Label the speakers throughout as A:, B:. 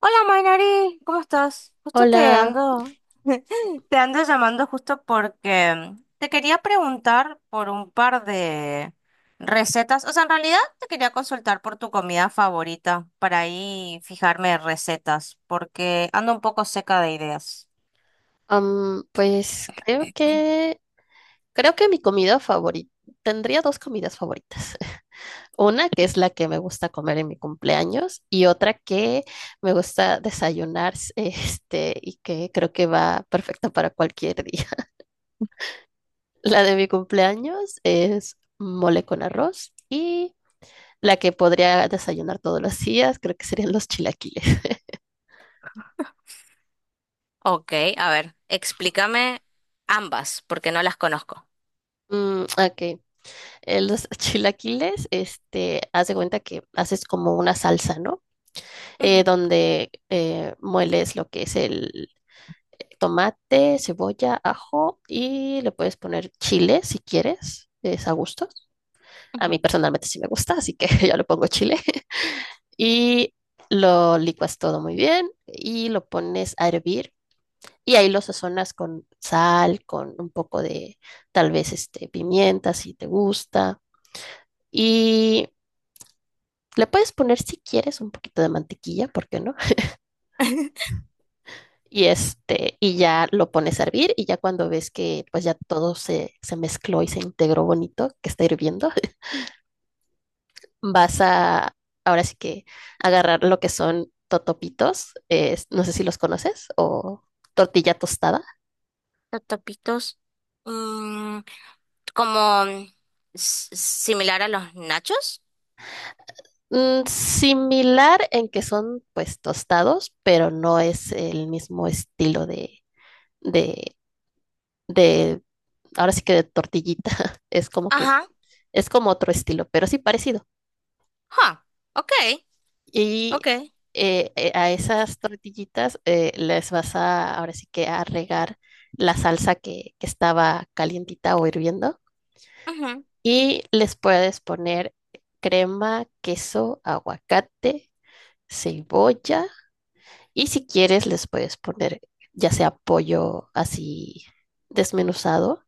A: Hola Mainari, ¿cómo estás? Justo
B: Hola,
A: te ando llamando justo porque te quería preguntar por un par de recetas. O sea, en realidad te quería consultar por tu comida favorita para ahí fijarme recetas, porque ando un poco seca de ideas.
B: pues creo que mi comida favorita tendría dos comidas favoritas. Una que es la que me gusta comer en mi cumpleaños y otra que me gusta desayunar, y que creo que va perfecta para cualquier día. La de mi cumpleaños es mole con arroz y la que podría desayunar todos los días creo que serían los chilaquiles.
A: Ok, a ver, explícame ambas, porque no las conozco.
B: Mm, ok, los chilaquiles, este, haz de cuenta que haces como una salsa, ¿no?
A: Ujú,
B: Donde mueles lo que es el tomate, cebolla, ajo y le puedes poner chile si quieres, es a gusto. A mí
A: ujú.
B: personalmente sí me gusta, así que yo le pongo chile. Y lo licuas todo muy bien y lo pones a hervir. Y ahí lo sazonas con sal, con un poco de tal vez este, pimienta si te gusta. Y le puedes poner si quieres un poquito de mantequilla, ¿por qué no? Y este, y ya lo pones a hervir y ya cuando ves que pues ya todo se mezcló y se integró bonito, que está hirviendo, vas a ahora sí que agarrar lo que son totopitos, no sé si los conoces, o tortilla tostada.
A: Los tapitos, mm, como similar a los nachos.
B: Mm, similar en que son pues tostados, pero no es el mismo estilo de, de, ahora sí que de tortillita, es como que,
A: Ajá,
B: es como otro estilo, pero sí parecido.
A: huh, okay,
B: Y
A: okay,
B: a esas tortillitas les ahora sí que a regar la salsa que estaba calientita o hirviendo.
A: ujú,
B: Y les puedes poner crema, queso, aguacate, cebolla. Y si quieres, les puedes poner ya sea pollo así desmenuzado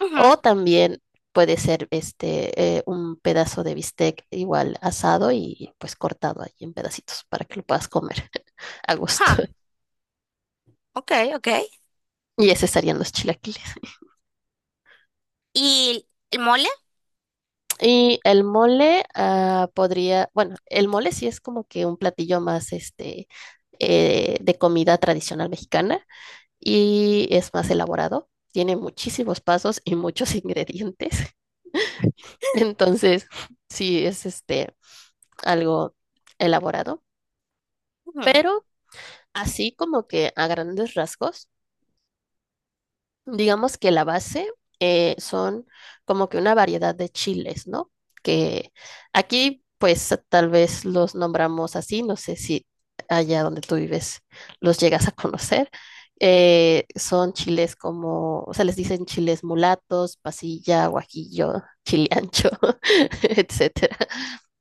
A: ujú,
B: o también puede ser un pedazo de bistec igual asado y pues cortado ahí en pedacitos para que lo puedas comer a gusto.
A: huh, okay, okay.
B: Y ese serían los chilaquiles.
A: ¿Y el mole?
B: Y el mole ah, podría, bueno, el mole sí es como que un platillo más de comida tradicional mexicana y es más elaborado. Tiene muchísimos pasos y muchos ingredientes. Entonces, sí es este algo elaborado,
A: Ujú,
B: pero así como que a grandes rasgos, digamos que la base son como que una variedad de chiles, ¿no? Que aquí, pues tal vez los nombramos así, no sé si allá donde tú vives los llegas a conocer. Son chiles como, o sea, les dicen chiles mulatos, pasilla, guajillo, chile ancho, etcétera.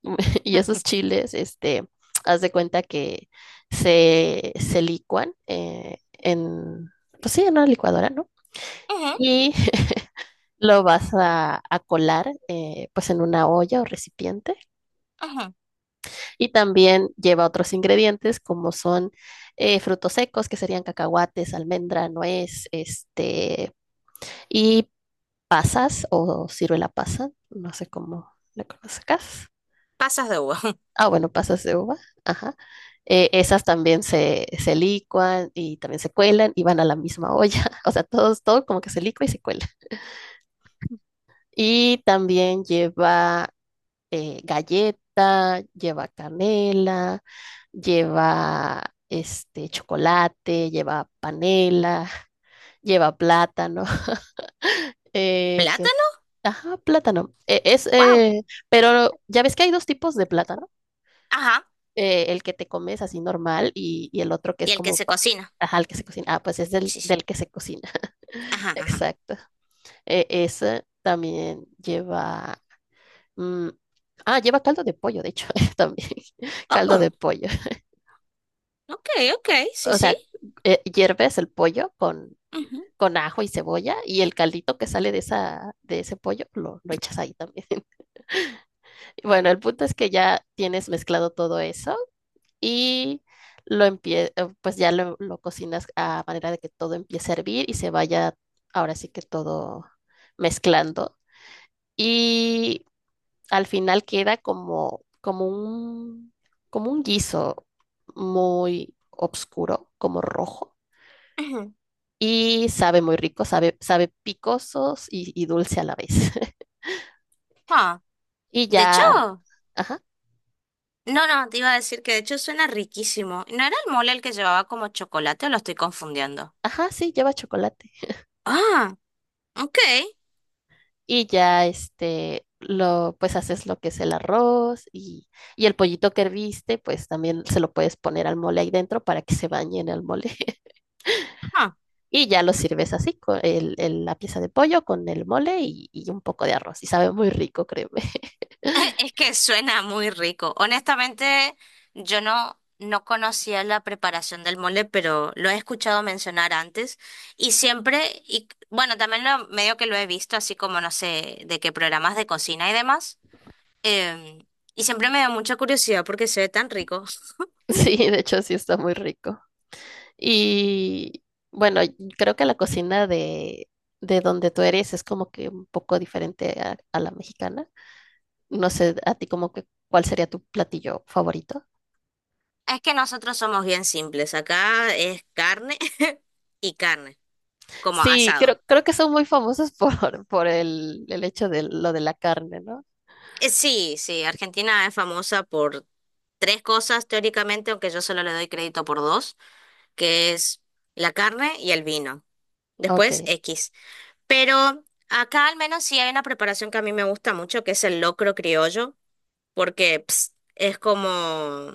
B: Y esos
A: ujú,
B: chiles, este, haz de cuenta que se licuan pues sí, en una licuadora, ¿no?
A: ujú.
B: Y a colar pues en una olla o recipiente
A: Ujú.
B: y también lleva otros ingredientes como son frutos secos que serían cacahuates, almendra, nuez, este y pasas o ciruela pasa, no sé cómo la conozcas.
A: Pasas de uva.
B: Ah, bueno, pasas de uva, ajá. Esas también se licuan y también se cuelan y van a la misma olla. O sea, todo como que se licua y se cuela. Y también lleva galleta, lleva canela, lleva este chocolate, lleva panela, lleva plátano, que,
A: ¿Plátano?
B: ajá, plátano.
A: Wow.
B: Pero ya ves que hay dos tipos de plátano,
A: Ajá.
B: el que te comes así normal y el otro que
A: Y
B: es
A: el que
B: como,
A: se cocina.
B: ajá, el que se cocina. Ah, pues es
A: Sí, sí.
B: del que se cocina.
A: Ajá, ajá.
B: Exacto. Ese también lleva, mm, ah, lleva caldo de pollo, de hecho, también, caldo de
A: Oh,
B: pollo.
A: okay, okay, sí,
B: O
A: sí.
B: sea, hierves el pollo
A: Ujú,
B: con ajo y cebolla y el caldito que sale de ese pollo lo echas ahí también. Bueno, el punto es que ya tienes mezclado todo eso y lo empie pues ya lo cocinas a manera de que todo empiece a hervir y se vaya ahora sí que todo mezclando. Y al final queda como un guiso muy oscuro, como rojo
A: ujú.
B: y sabe muy rico, sabe picosos y dulce a la vez.
A: Ah,
B: Y
A: De hecho,
B: ya, ajá,
A: no, no, te iba a decir que de hecho suena riquísimo. ¿No era el mole el que llevaba como chocolate o lo estoy confundiendo?
B: ajá, sí, lleva chocolate.
A: Ah, okay.
B: Y ya, este, lo, pues haces lo que es el arroz y el pollito que herviste, pues también se lo puedes poner al mole ahí dentro para que se bañe en el mole.
A: Ah,
B: Y ya lo sirves así, con el, la pieza de pollo con el mole y un poco de arroz. Y sabe muy rico, créeme.
A: es que suena muy rico. Honestamente, yo no, no conocía la preparación del mole, pero lo he escuchado mencionar antes y siempre, y bueno, también lo, medio que lo he visto, así como no sé, de qué programas de cocina y demás. em, y siempre me da mucha curiosidad porque se ve tan rico.
B: Sí, de hecho sí está muy rico. Y bueno, y creo que la cocina de donde tú eres es como que un poco diferente a la mexicana. No sé, a ti como que cuál sería tu platillo favorito.
A: Es que nosotros somos bien simples. Acá es carne y carne, como
B: Sí,
A: asado.
B: creo que son muy famosos por el hecho de lo de la carne, ¿no?
A: Sí, sí, Argentina es famosa por tres cosas teóricamente, aunque yo solo le doy crédito por dos. Que es la carne y el vino.
B: Ok.
A: Después X. Pero acá al menos sí hay una preparación que a mí me gusta mucho, que es el locro criollo, porque es como...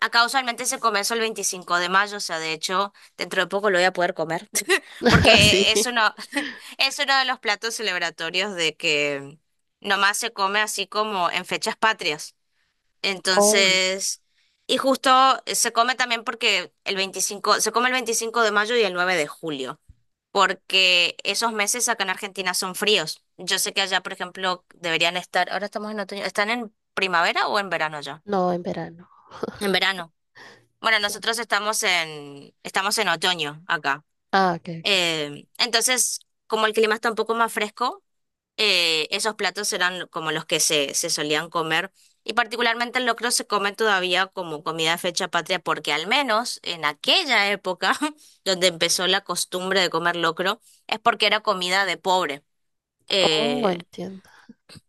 A: Acá usualmente se come eso el 25 de mayo, o sea, de hecho, dentro de poco lo voy a poder comer,
B: Sí.
A: porque es uno de los platos celebratorios de que nomás se come así como en fechas patrias.
B: Oh,
A: Entonces, y justo se come también porque el 25 se come el 25 de mayo y el 9 de julio, porque esos meses acá en Argentina son fríos. Yo sé que allá, por ejemplo, deberían estar, ahora estamos en otoño, ¿están en primavera o en verano ya?
B: no, en verano.
A: En verano. Bueno,
B: Sí.
A: nosotros estamos en otoño acá.
B: Ah, ok,
A: Entonces, como el clima está un poco más fresco, esos platos eran como los que se solían comer. Y particularmente el locro se come todavía como comida de fecha patria porque al menos en aquella época donde empezó la costumbre de comer locro es porque era comida de pobre.
B: ok. Oh,
A: Eh,
B: entiendo.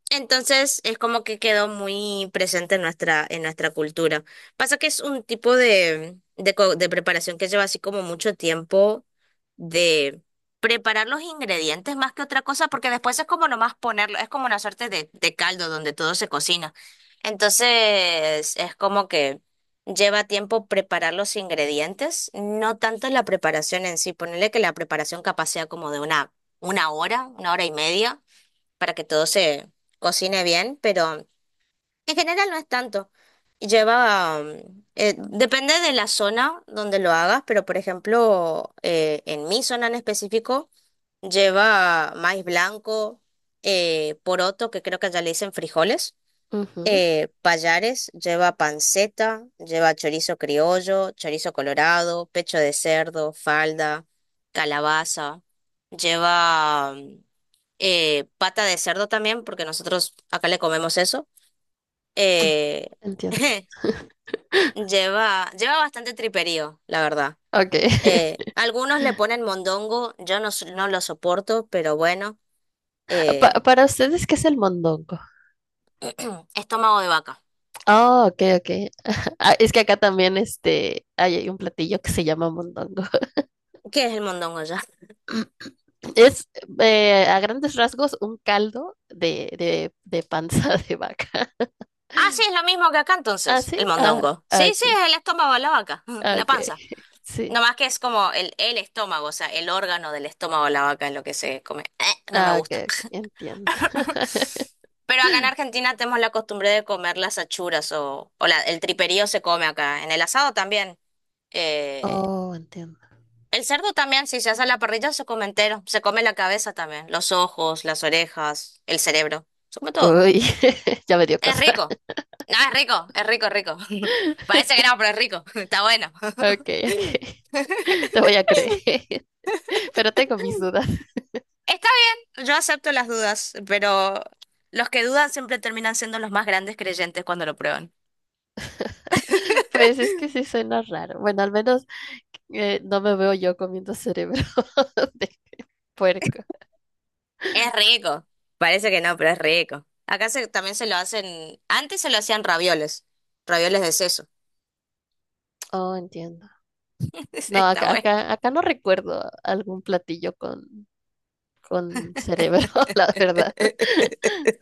A: entonces es como que quedó muy presente en nuestra cultura. Pasa que es un tipo de preparación que lleva así como mucho tiempo de preparar los ingredientes más que otra cosa, porque después es como nomás ponerlo, es como una suerte de caldo donde todo se cocina. Entonces es como que lleva tiempo preparar los ingredientes, no tanto la preparación en sí. Ponerle que la preparación capaz sea como de una hora, una hora y media para que todo se cocine bien, pero en general no es tanto. Lleva, depende de la zona donde lo hagas, pero por ejemplo, en mi zona en específico, lleva maíz blanco, poroto, que creo que ya le dicen frijoles,
B: Ujú,
A: payares, lleva panceta, lleva chorizo criollo, chorizo colorado, pecho de cerdo, falda, calabaza, lleva pata de cerdo también, porque nosotros acá le comemos eso. eh,
B: entiendo.
A: lleva bastante triperío, la verdad.
B: Ok.
A: Algunos le ponen mondongo, yo no, no lo soporto, pero bueno. eh,
B: Para ustedes, ¿qué es el mondongo?
A: Estómago de vaca.
B: Oh, ok, ok. Ah, es que acá también este, hay un platillo que se llama mondongo.
A: ¿Qué es el mondongo ya?
B: Es a grandes rasgos un caldo de panza de vaca.
A: Ah, sí, es lo mismo que acá
B: ¿Ah,
A: entonces,
B: sí?
A: el
B: Ah,
A: mondongo. Sí,
B: ah,
A: sí,
B: ok,
A: es el estómago de la vaca,
B: ah,
A: la
B: ok.
A: panza.
B: Sí.
A: No más que es como el estómago, o sea, el órgano del estómago de la vaca es lo que se come. No me
B: Ah, ok,
A: gusta.
B: ok, entiendo.
A: Pero acá en Argentina tenemos la costumbre de comer las achuras o el triperío se come acá. En el asado también. Eh,
B: Oh, entiendo.
A: el cerdo también, si se hace a la parrilla, se come entero. Se come la cabeza también, los ojos, las orejas, el cerebro. Se come todo.
B: Uy, ya me dio
A: Es
B: cosa.
A: rico. No, es rico, es rico, es rico. Parece que no, pero es rico. Está bueno.
B: Ok, ok. Te voy a creer, pero tengo mis dudas.
A: Está bien, yo acepto las dudas, pero los que dudan siempre terminan siendo los más grandes creyentes cuando lo prueban.
B: Pues es que sí suena raro. Bueno, al menos no me veo yo comiendo cerebro de puerco.
A: Es rico. Parece que no, pero es rico. Acá también se lo hacen, antes se lo hacían ravioles, ravioles de seso.
B: Oh, entiendo. No,
A: Está
B: acá,
A: bueno.
B: acá, acá no recuerdo algún platillo con cerebro, la verdad.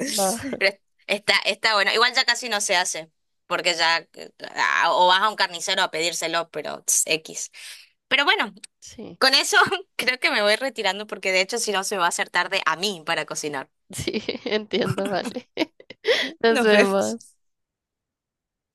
B: No,
A: Pero está bueno. Igual ya casi no se hace, porque ya o vas a un carnicero a pedírselo, pero tss, X. Pero bueno,
B: sí,
A: con eso creo que me voy retirando porque de hecho si no se va a hacer tarde a mí para cocinar.
B: sí, entiendo, vale. Nos
A: Nos vemos.
B: vemos.